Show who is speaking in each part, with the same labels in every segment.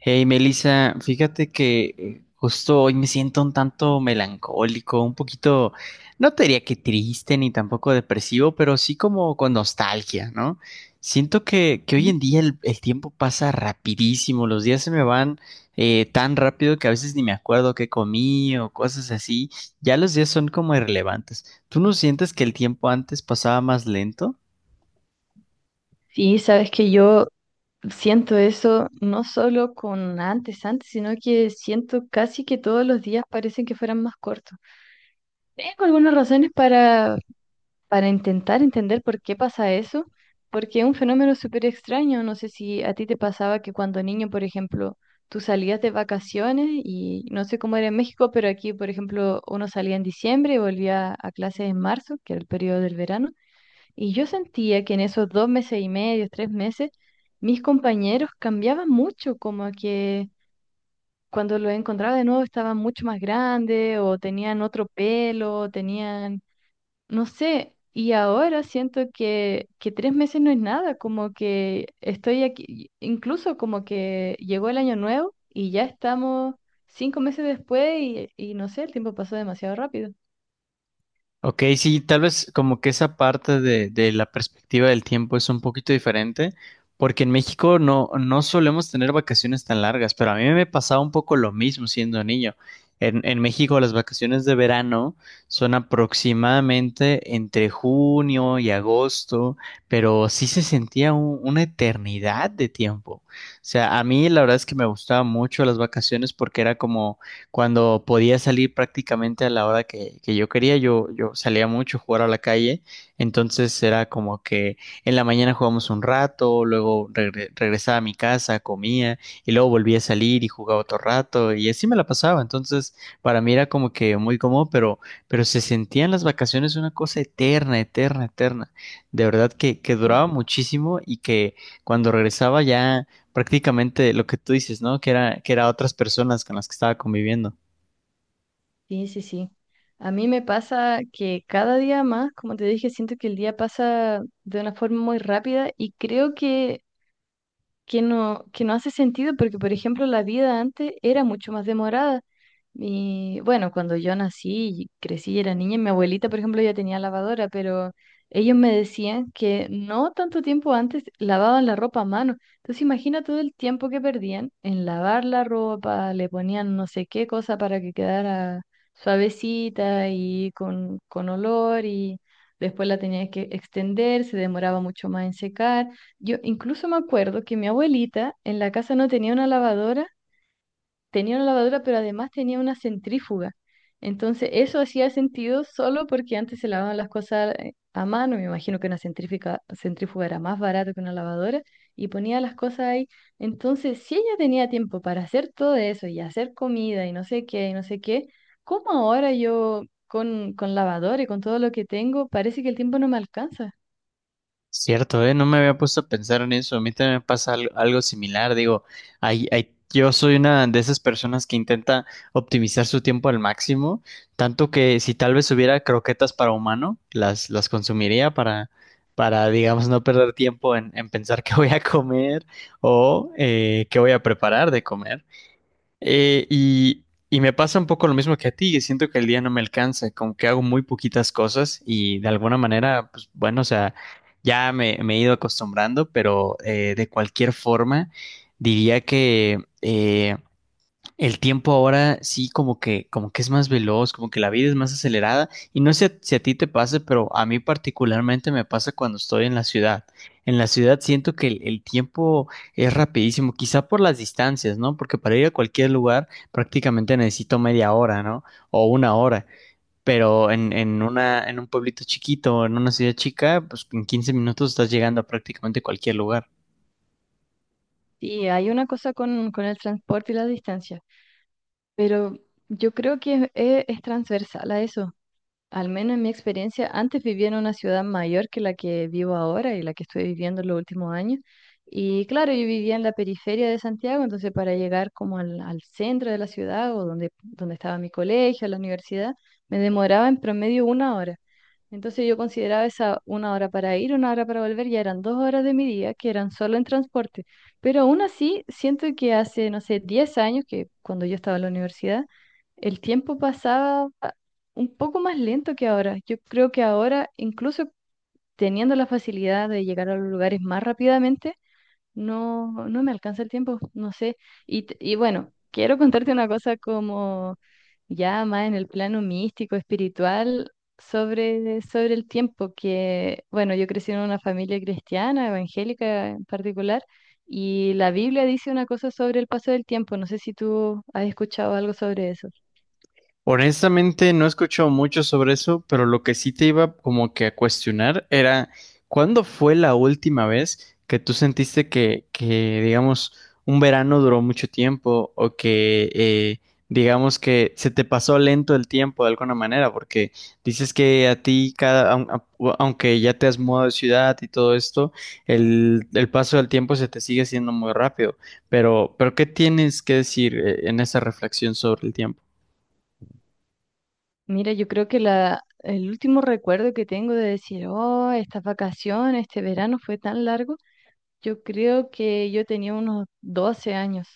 Speaker 1: Hey Melissa, fíjate que justo hoy me siento un tanto melancólico, un poquito, no te diría que triste ni tampoco depresivo, pero sí como con nostalgia, ¿no? Siento que hoy en día el tiempo pasa rapidísimo, los días se me van tan rápido que a veces ni me acuerdo qué comí o cosas así, ya los días son como irrelevantes. ¿Tú no sientes que el tiempo antes pasaba más lento?
Speaker 2: Sí, sabes que yo siento eso no solo con antes, antes, sino que siento casi que todos los días parecen que fueran más cortos. Tengo algunas razones para intentar entender por qué pasa eso, porque es un fenómeno súper extraño. No sé si a ti te pasaba que cuando niño, por ejemplo, tú salías de vacaciones y no sé cómo era en México, pero aquí, por ejemplo, uno salía en diciembre y volvía a clases en marzo, que era el periodo del verano. Y yo sentía que en esos 2 meses y medio, 3 meses mis compañeros cambiaban mucho, como que cuando los encontraba de nuevo estaban mucho más grandes o tenían otro pelo, o tenían, no sé, y ahora siento que 3 meses no es nada, como que estoy aquí, incluso como que llegó el año nuevo y ya estamos 5 meses después y no sé, el tiempo pasó demasiado rápido.
Speaker 1: Ok, sí, tal vez como que esa parte de la perspectiva del tiempo es un poquito diferente, porque en México no solemos tener vacaciones tan largas, pero a mí me pasaba un poco lo mismo siendo niño. En México las vacaciones de verano son aproximadamente entre junio y agosto, pero sí se sentía una eternidad de tiempo. O sea, a mí la verdad es que me gustaban mucho las vacaciones porque era como cuando podía salir prácticamente a la hora que yo quería, yo salía mucho a jugar a la calle, entonces era como que en la mañana jugábamos un rato, luego regresaba a mi casa, comía y luego volvía a salir y jugaba otro rato y así me la pasaba, entonces para mí era como que muy cómodo, pero se sentían las vacaciones una cosa eterna, eterna, eterna, de verdad que duraba muchísimo y que cuando regresaba ya prácticamente lo que tú dices, ¿no? Que era otras personas con las que estaba conviviendo.
Speaker 2: Sí, sí, sí. A mí me pasa que cada día más, como te dije, siento que el día pasa de una forma muy rápida y creo que no, que no hace sentido porque, por ejemplo, la vida antes era mucho más demorada. Y bueno, cuando yo nací y crecí y era niña, mi abuelita, por ejemplo, ya tenía lavadora, pero ellos me decían que no tanto tiempo antes lavaban la ropa a mano. Entonces imagina todo el tiempo que perdían en lavar la ropa, le ponían no sé qué cosa para que quedara suavecita y con olor y después la tenías que extender, se demoraba mucho más en secar. Yo incluso me acuerdo que mi abuelita en la casa no tenía una lavadora, tenía una lavadora, pero además tenía una centrífuga. Entonces, eso hacía sentido solo porque antes se lavaban las cosas a mano, me imagino que una centrífuga era más barata que una lavadora, y ponía las cosas ahí. Entonces, si ella tenía tiempo para hacer todo eso y hacer comida y no sé qué y no sé qué, ¿cómo ahora yo con lavadora y con todo lo que tengo, parece que el tiempo no me alcanza?
Speaker 1: Cierto, ¿eh? No me había puesto a pensar en eso. A mí también me pasa algo similar. Digo, yo soy una de esas personas que intenta optimizar su tiempo al máximo, tanto que si tal vez hubiera croquetas para humano, las consumiría para, digamos, no perder tiempo en pensar qué voy a comer o qué voy a preparar de comer. Eh, y, y me pasa un poco lo mismo que a ti, que siento que el día no me alcanza, como que hago muy poquitas cosas y de alguna manera, pues bueno, o sea, me he ido acostumbrando, pero de cualquier forma, diría que el tiempo ahora sí como que es más veloz, como que la vida es más acelerada y no sé si a ti te pase, pero a mí particularmente me pasa cuando estoy en la ciudad. En la ciudad siento que el tiempo es rapidísimo, quizá por las distancias, ¿no? Porque para ir a cualquier lugar prácticamente necesito media hora, ¿no? O una hora. Pero en un pueblito chiquito, en una ciudad chica, pues en 15 minutos estás llegando a prácticamente cualquier lugar.
Speaker 2: Sí, hay una cosa con el transporte y la distancia. Pero yo creo que es transversal a eso. Al menos en mi experiencia, antes vivía en una ciudad mayor que la que vivo ahora y la que estoy viviendo en los últimos años. Y claro, yo vivía en la periferia de Santiago, entonces para llegar como al centro de la ciudad o donde estaba mi colegio, la universidad, me demoraba en promedio una hora. Entonces yo consideraba esa una hora para ir, una hora para volver, ya eran 2 horas de mi día que eran solo en transporte. Pero aún así, siento que hace, no sé, 10 años, que cuando yo estaba en la universidad, el tiempo pasaba un poco más lento que ahora. Yo creo que ahora, incluso teniendo la facilidad de llegar a los lugares más rápidamente, no me alcanza el tiempo, no sé. Y, y bueno, quiero contarte una cosa como ya más en el plano místico, espiritual, sobre el tiempo, que bueno, yo crecí en una familia cristiana, evangélica en particular, y la Biblia dice una cosa sobre el paso del tiempo. No sé si tú has escuchado algo sobre eso.
Speaker 1: Honestamente, no he escuchado mucho sobre eso, pero lo que sí te iba como que a cuestionar era, ¿cuándo fue la última vez que tú sentiste que, digamos, un verano duró mucho tiempo o que, digamos, que se te pasó lento el tiempo de alguna manera? Porque dices que a ti, aunque ya te has mudado de ciudad y todo esto, el paso del tiempo se te sigue siendo muy rápido. Pero ¿qué tienes que decir, en esa reflexión sobre el tiempo?
Speaker 2: Mira, yo creo que el último recuerdo que tengo de decir, oh, estas vacaciones, este verano fue tan largo. Yo creo que yo tenía unos 12 años.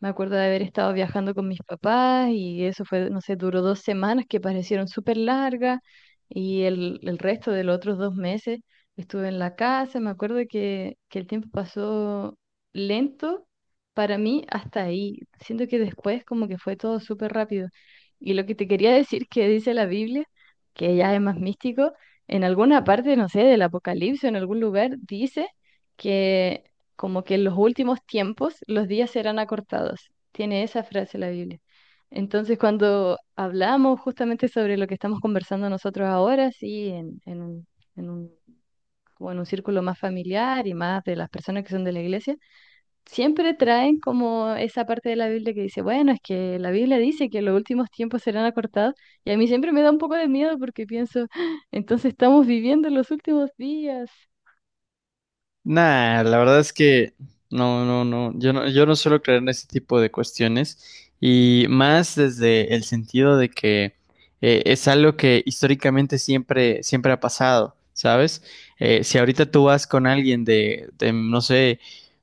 Speaker 2: Me acuerdo de haber estado viajando con mis papás y eso fue, no sé, duró 2 semanas que parecieron súper largas y el resto de los otros 2 meses estuve en la casa. Me acuerdo que el tiempo pasó lento para mí hasta ahí. Siento que después como que fue todo súper rápido. Y lo que te quería decir que dice la Biblia, que ya es más místico, en alguna parte, no sé, del Apocalipsis, en algún lugar, dice que como que en los últimos tiempos los días serán acortados. Tiene esa frase la Biblia. Entonces, cuando hablamos justamente sobre lo que estamos conversando nosotros ahora, sí, en un, como en un círculo más familiar y más de las personas que son de la iglesia, siempre traen como esa parte de la Biblia que dice, bueno, es que la Biblia dice que los últimos tiempos serán acortados, y a mí siempre me da un poco de miedo porque pienso, "Ah, entonces estamos viviendo los últimos días."
Speaker 1: Nah, la verdad es que no, yo no suelo creer en ese tipo de cuestiones y más desde el sentido de que es algo que históricamente siempre ha pasado, ¿sabes? Si ahorita tú vas con alguien de, no sé,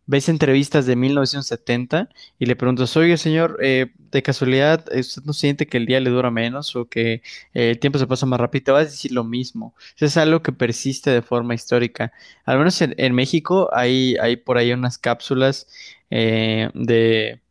Speaker 1: ves entrevistas de 1970 y le preguntas, oye, señor, de casualidad, ¿usted no siente que el día le dura menos o que el tiempo se pasa más rápido? Te vas a decir lo mismo. Eso es algo que persiste de forma histórica. Al menos en México hay por ahí unas cápsulas eh, de,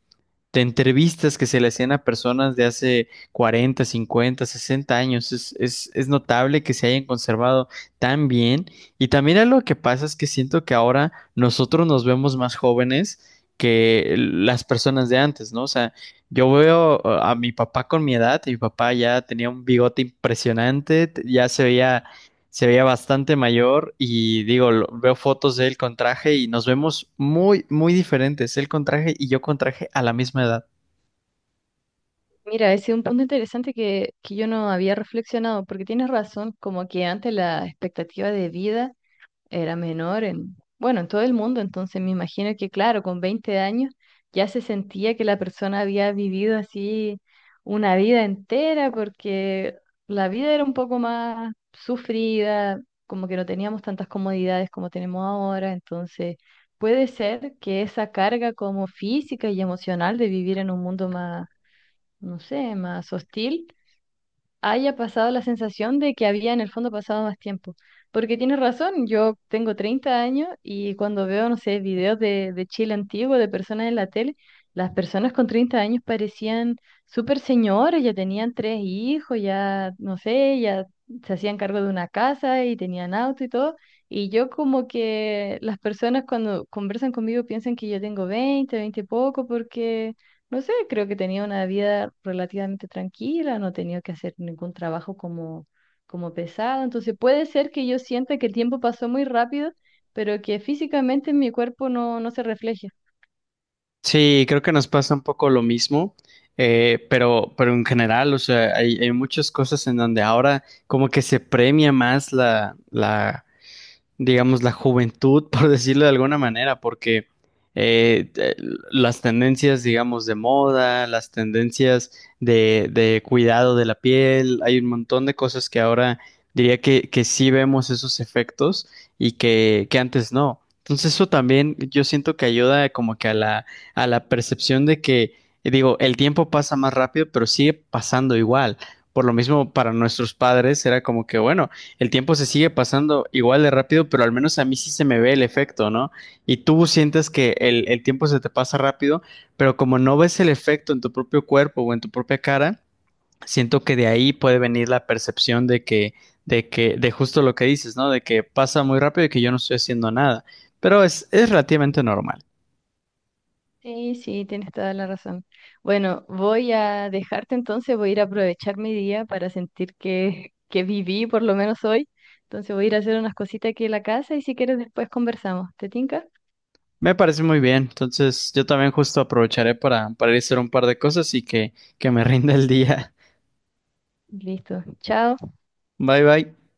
Speaker 1: de entrevistas que se le hacían a personas de hace 40, 50, 60 años. Es notable que se hayan conservado tan bien. Y también algo que pasa es que siento que ahora nosotros nos vemos más jóvenes que las personas de antes, ¿no? O sea, yo veo a mi papá con mi edad, y mi papá ya tenía un bigote impresionante, ya se veía, se veía bastante mayor y digo, veo fotos de él con traje y nos vemos muy, muy diferentes. Él con traje y yo con traje a la misma edad.
Speaker 2: Mira, ese es un punto interesante que yo no había reflexionado, porque tienes razón, como que antes la expectativa de vida era menor en, bueno, en todo el mundo, entonces me imagino que, claro, con 20 años ya se sentía que la persona había vivido así una vida entera, porque la vida era un poco más sufrida, como que no teníamos tantas comodidades como tenemos ahora, entonces puede ser que esa carga como física y emocional de vivir en un mundo más no sé, más hostil, haya pasado la sensación de que había en el fondo pasado más tiempo. Porque tienes razón, yo tengo 30 años y cuando veo, no sé, videos de Chile antiguo, de personas en la tele, las personas con 30 años parecían súper señores, ya tenían tres hijos, ya, no sé, ya se hacían cargo de una casa y tenían auto y todo. Y yo como que las personas cuando conversan conmigo piensan que yo tengo 20 y poco, porque no sé, creo que tenía una vida relativamente tranquila, no tenía que hacer ningún trabajo como, pesado. Entonces puede ser que yo sienta que el tiempo pasó muy rápido, pero que físicamente en mi cuerpo no se refleje.
Speaker 1: Sí, creo que nos pasa un poco lo mismo, pero en general, o sea, hay muchas cosas en donde ahora como que se premia más la, la digamos, la juventud, por decirlo de alguna manera, porque eh, eh, las tendencias, digamos, de moda, las tendencias de cuidado de la piel, hay un montón de cosas que ahora diría que sí vemos esos efectos y que antes no. Entonces eso también yo siento que ayuda como que a a la percepción de que, digo, el tiempo pasa más rápido, pero sigue pasando igual. Por lo mismo, para nuestros padres era como que, bueno, el tiempo se sigue pasando igual de rápido, pero al menos a mí sí se me ve el efecto, ¿no? Y tú sientes que el tiempo se te pasa rápido, pero como no ves el efecto en tu propio cuerpo o en tu propia cara, siento que de ahí puede venir la percepción de que, de justo lo que dices, ¿no? De que pasa muy rápido y que yo no estoy haciendo nada. Pero es relativamente normal.
Speaker 2: Sí, sí, tienes toda la razón. Bueno, voy a dejarte entonces, voy a ir a aprovechar mi día para sentir que viví por lo menos hoy. Entonces voy a ir a hacer unas cositas aquí en la casa y si quieres después conversamos. ¿Te tinca?
Speaker 1: Me parece muy bien. Entonces, yo también justo aprovecharé para ir a hacer un par de cosas y que me rinda el día.
Speaker 2: Listo. Chao.
Speaker 1: Bye bye.